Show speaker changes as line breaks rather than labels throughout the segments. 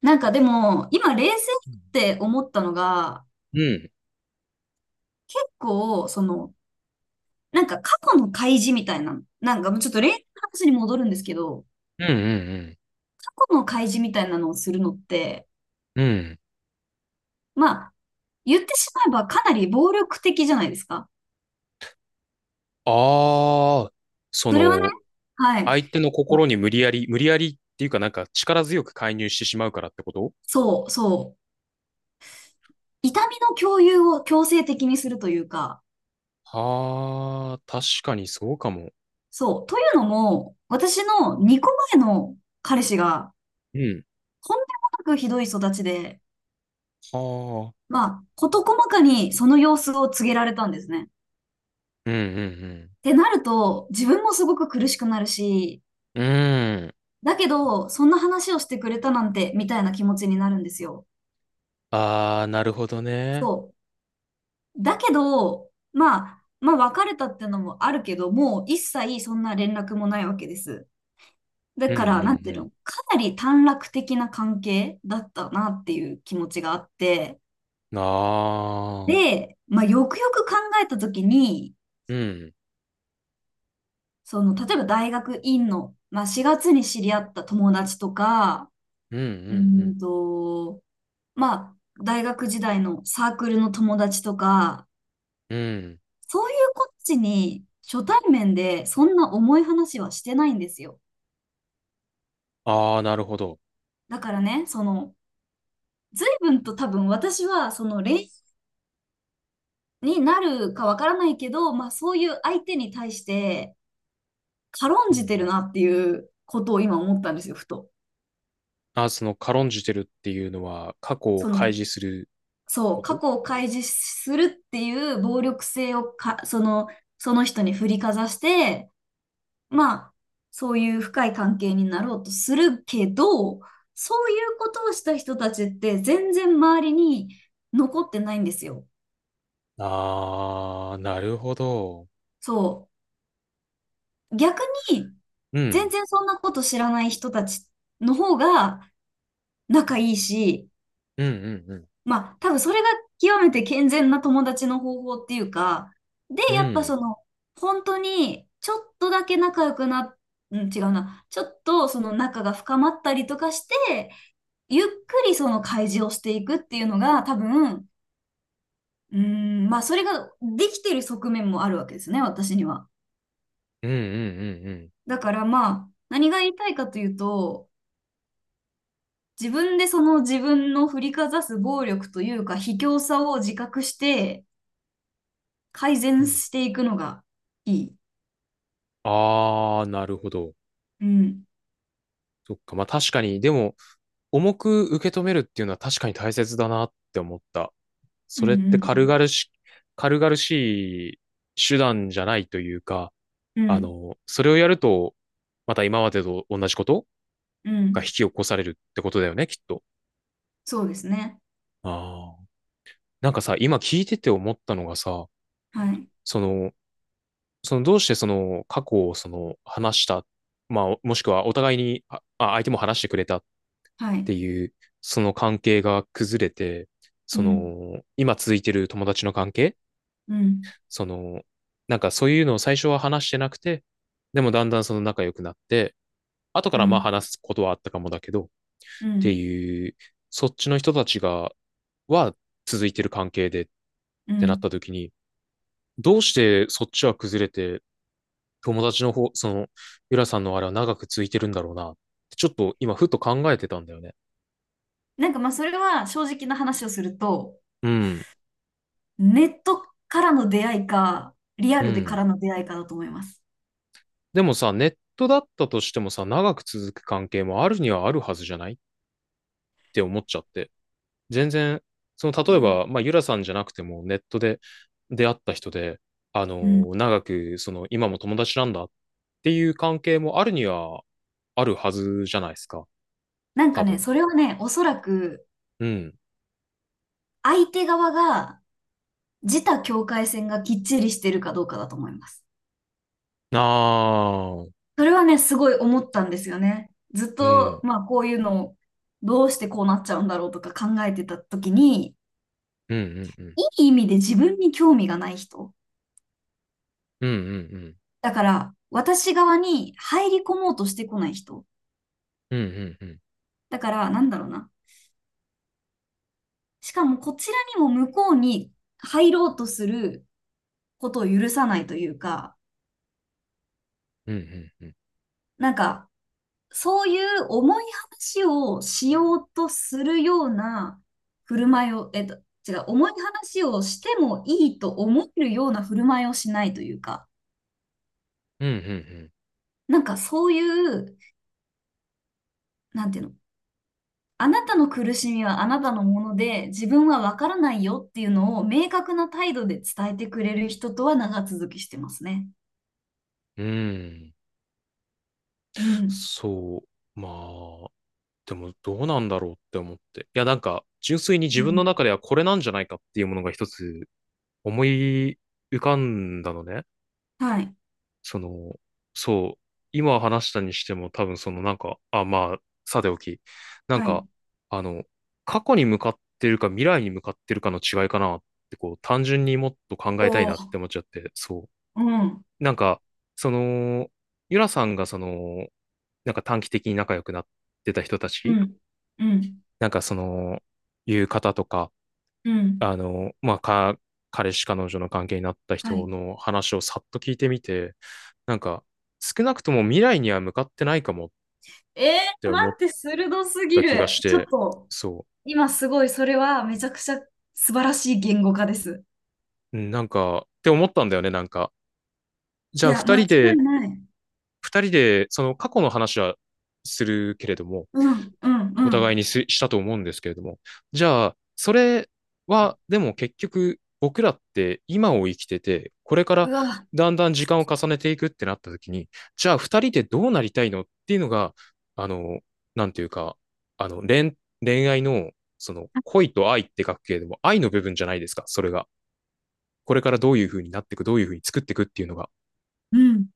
なんかでも、今冷静っ
うん。
て思ったのが、
うん、
結構、なんか過去の開示みたいな、なんかもうちょっと冷静の話に戻るんですけど、
うん、う
過去の開示みたいなのをするのって、
ん。うん。
まあ、言ってしまえばかなり暴力的じゃないですか。
ああ、そ
それはね、
の、
はい。
相手の心に無理やり、無理やりっていうかなんか力強く介入してしまうからってこと
そう、そう。痛みの共有を強制的にするというか、
は、あ、確かにそうかも。
そう。というのも、私の2個前の彼氏が、
うん。
とんでもなくひどい育ちで、
はあ。
まあ、事細かにその様子を告げられたんですね。っ
うんうん
てなると、自分もすごく苦しくなるし、
うん。うん。
だけど、そんな話をしてくれたなんて、みたいな気持ちになるんですよ。
ああ、なるほどね。
だけど、まあ、別れたってのもあるけど、もう一切そんな連絡もないわけです。だ
うんう
から、なんていう
ん
の、かなり短絡的な関係だったなっていう気持ちがあって、
うん。ああ。
で、まあ、よくよく考えたときに、
うん。
その、例えば大学院の、まあ、4月に知り合った友達とか、
うんう
うー
ん
んと、まあ、大学時代のサークルの友達とか、
うん。うん。
そういうこっちに初対面でそんな重い話はしてないんですよ。
ああ、なるほど。
だからね、随分と多分私は、恋愛になるかわからないけど、まあ、そういう相手に対して軽ん
う
じ
ん、
てるなっていうことを今思ったんですよ、ふと。
ああ、その軽んじてるっていうのは過去を
そ
開
の、
示する
そ
こ
う、過
と、
去を開示するっていう暴力性をか、その人に振りかざして、まあ、そういう深い関係になろうとするけど、そういうことをした人たちって全然周りに残ってないんですよ。
ああ、なるほど。
そう。逆に、
う
全
ん。
然そんなこと知らない人たちの方が仲いいし、
うんうんうん。
まあ、多分それが極めて健全な友達の方法っていうか、で、
う
やっぱ
ん。
その、本当に、ちょっとだけ仲良くな、うん、違うな、ちょっとその仲が深まったりとかして、ゆっくりその開示をしていくっていうのが、多分、まあ、それができてる側面もあるわけですね、私には。
うんうんうんう
だからまあ、何が言いたいかというと、自分でその自分の振りかざす暴力というか、卑怯さを自覚して、改
ん。
善
うん。
していくのがいい。
ああー、なるほど。
うん。
そっか。まあ確かに、でも、重く受け止めるっていうのは確かに大切だなって思った。
う
それって
ん
軽々しい手段じゃないというか、
うんうん。う
あ
ん。
の、それをやると、また今までと同じこと
う
が引
ん。
き起こされるってことだよね、きっと。
そうですね。
ああ。なんかさ、今聞いてて思ったのがさ、
はい。
その、どうしてその過去をその話した、まあ、もしくはお互いに、相手も話してくれたっ
は
て
い。
いう、その関係が崩れて、
う
そ
ん。
の、今続いてる友達の関係、
うん。
その、なんかそういうのを最初は話してなくて、でもだんだんその仲良くなって、後か
う
らま
ん。
あ話すことはあったかもだけど、っ
う
て
ん。
いう、そっちの人たちが、は続いてる関係でっ
う
てなっ
ん。
た時に、どうしてそっちは崩れて、友達の方、その、ゆらさんのあれは長く続いてるんだろうな。ちょっと今、ふっと考えてたんだよね。
なんかまあそれは正直な話をすると、
うん。
ネットからの出会いか、リア
う
ルでか
ん。
らの出会いかだと思います。
でもさ、ネットだったとしてもさ、長く続く関係もあるにはあるはずじゃないって思っちゃって。全然、その、
う
例え
ん
ば、まあ、ゆらさんじゃなくても、ネットで出会った人で、あのー長く、その、今も友達なんだっていう関係もあるにはあるはずじゃないですか。
なんか
多
ね、
分。
それはね、おそらく
うん。
相手側が自他境界線がきっちりしてるかどうかだと思います。
ああ、
それはね、すごい思ったんですよね。ずっ
う
と、
ん。
まあ、こういうのを、どうしてこうなっちゃうんだろうとか考えてた時に、
うんうんうん。
いい意味で自分に興味がない人。
うんうんうん。
だから、私側に入り込もうとしてこない人。
うんうんうん
だから、なんだろうな。しかも、こちらにも向こうに入ろうとすることを許さないというか、
うんうん
なんか、そういう重い話をしようとするような振る舞いを、えっと、違う、重い話をしてもいいと思えるような振る舞いをしないというか、
うんうん
なんかそういう、なんていうの、あなたの苦しみはあなたのもので、自分はわからないよっていうのを明確な態度で伝えてくれる人とは長続きしてますね。
うんうん。
うん。
そう、まあでもどうなんだろうって思って、いや、なんか純粋に
う
自分
ん。
の中ではこれなんじゃないかっていうものが一つ思い浮かんだのね。
はい。
その、そう、今話したにしても、多分その、なんか、あ、まあさておき、なん
はい。
か、あの、過去に向かってるか未来に向かってるかの違いかなって、こう単純にもっと考えたい
おお。
なって思っちゃって。そう、
うん。
なんか、その、ゆらさんがその、なんか短期的に仲良くなってた人た
う
ち、
ん。うん。
なんかその、いう方とか、
うん。
あの、まあ、彼氏彼女の関係になった
は
人
い。
の話をさっと聞いてみて、なんか、少なくとも未来には向かってないかもっ
え
て
待
思っ
って、鋭すぎ
た気が
る。
し
ちょっ
て、
と、
そ
今すごい、それはめちゃくちゃ素晴らしい言語化です。
う、うん、なんか、って思ったんだよね、なんか。じ
い
ゃあ、
や、間違いない。
二人で、その過去の話はするけれども、
うん、うん、
お
うん。
互いにしたと思うんですけれども。じゃあ、それは、でも結局、僕らって今を生きてて、これか
う
ら
わ、
だんだん時間を重ねていくってなった時に、じゃあ二人でどうなりたいのっていうのが、あの、なんていうか、あの、恋愛の、その、恋と愛って書くけれども、愛の部分じゃないですか、それが。これからどういうふうになっていく、どういうふうに作っていくっていうのが。
うん、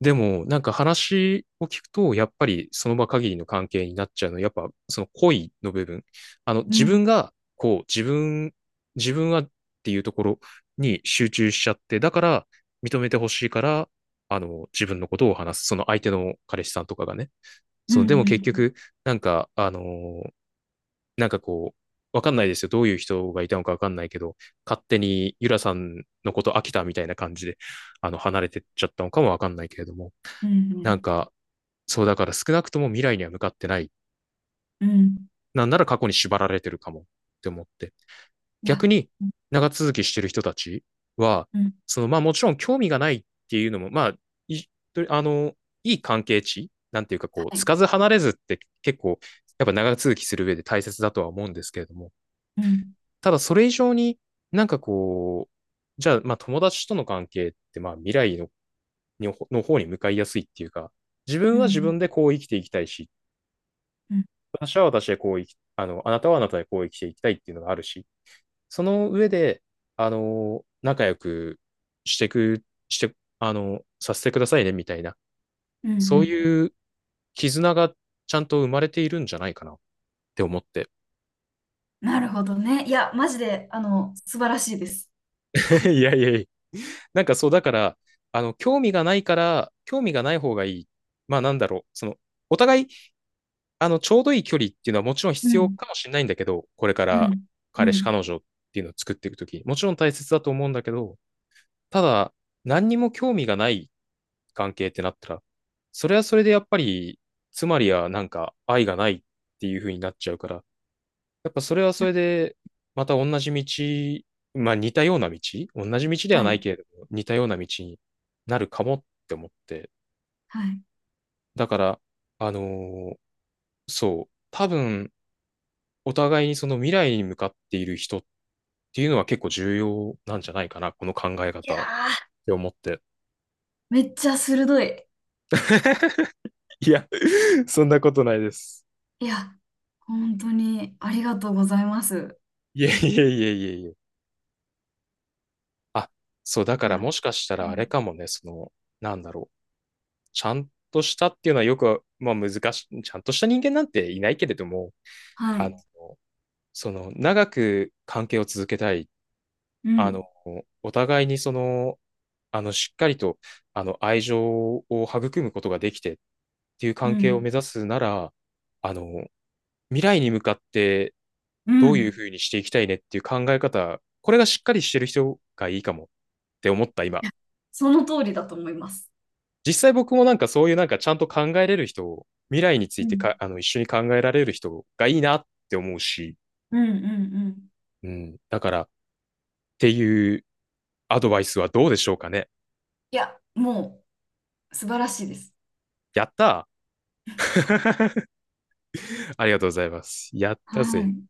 でも、なんか話を聞くと、やっぱりその場限りの関係になっちゃうの、やっぱその恋の部分。あの、
う
自
ん、
分が、こう、自分はっていうところに集中しちゃって、だから認めてほしいから、あの、自分のことを話す。その相手の彼氏さんとかがね。
うん、
その、でも
う
結
ん、
局、なんか、あのー、なんかこう、わかんないですよ。どういう人がいたのかわかんないけど、勝手にゆらさんのこと飽きたみたいな感じで、あの、離れてっちゃったのかもわかんないけれども。
う
なん
ん、
か、そうだから少なくとも未来には向かってない。
うん、うん
なんなら過去に縛られてるかもって思って。
い
逆
や、
に
うん、
長続きしてる人たちは、
うん
その、まあもちろん興味がないっていうのも、まあ、いあの、いい関係値なんていうか、こう、
は
つ
い、
かず離れずって結構、やっぱ長続きする上で大切だとは思うんですけれども、
うん、
ただそれ以上に、なんかこう、じゃあまあ友達との関係ってまあ未来の方に向かいやすいっていうか、自
う
分は自
ん、
分でこう生きていきたいし、っ
うん、
私は私でこうあの、あなたはあなたでこう生きていきたいっていうのがあるし、その上で、あの、仲良くしてく、して、あの、させてくださいねみたいな、
うん、う
そう
ん。
いう絆がちゃんと生まれているんじゃないかなって思って。
なるほどね。いや、マジで、素晴らしいです。
いやいやいや、なんかそう、だから、あの、興味がないから、興味がない方がいい。まあなんだろう、その、お互い、あの、ちょうどいい距離っていうのはもちろん
う
必要
ん、
かもしれないんだけど、これか
う
ら
ん、う
彼氏、
ん、
彼女っていうのを作っていくとき、もちろん大切だと思うんだけど、ただ、何にも興味がない関係ってなったら、それはそれでやっぱり、つまりはなんか愛がないっていう風になっちゃうから、やっぱそれはそれで、また同じ道、まあ似たような道、同じ道では
は
ない
い、
けれども、似たような道になるかもって思って、
はい。
だから、あのー、そう、多分、お互いにその未来に向かっている人っていうのは結構重要なんじゃないかな、この考え
いや
方っ
ー、
て思って。
めっちゃ鋭い。
いや、そんなことないです。
いや、本当にありがとうございます。
いえいえいえいえいえ。あ、そう、だか
い
ら
や、
もしかした
う
らあれか
ん
もね、その、なんだろう。ちゃんとしたっていうのはよく、まあ難しい、ちゃんとした人間なんていないけれども、
は
あ
い。
の、その、長く関係を続けたいっ、
う
あの、
ん、
お互いにその、あの、しっかりと、あの、愛情を育むことができてっていう
う
関係を
ん、
目指すなら、あの、未来に向かって
う
どういう
ん。
ふうにしていきたいねっていう考え方、これがしっかりしてる人がいいかもって思った今。
その通りだと思います。
実際僕もなんかそういうなんかちゃんと考えれる人を、未来につ
う
いて
ん、
か、あの、一緒に考えられる人がいいなって思うし、
うん、うん、うん。
うん。だから、っていうアドバイスはどうでしょうかね。
いや、もう素晴らしいです。
やったー。 ありがとうございます。やっ
は
たぜ。
い。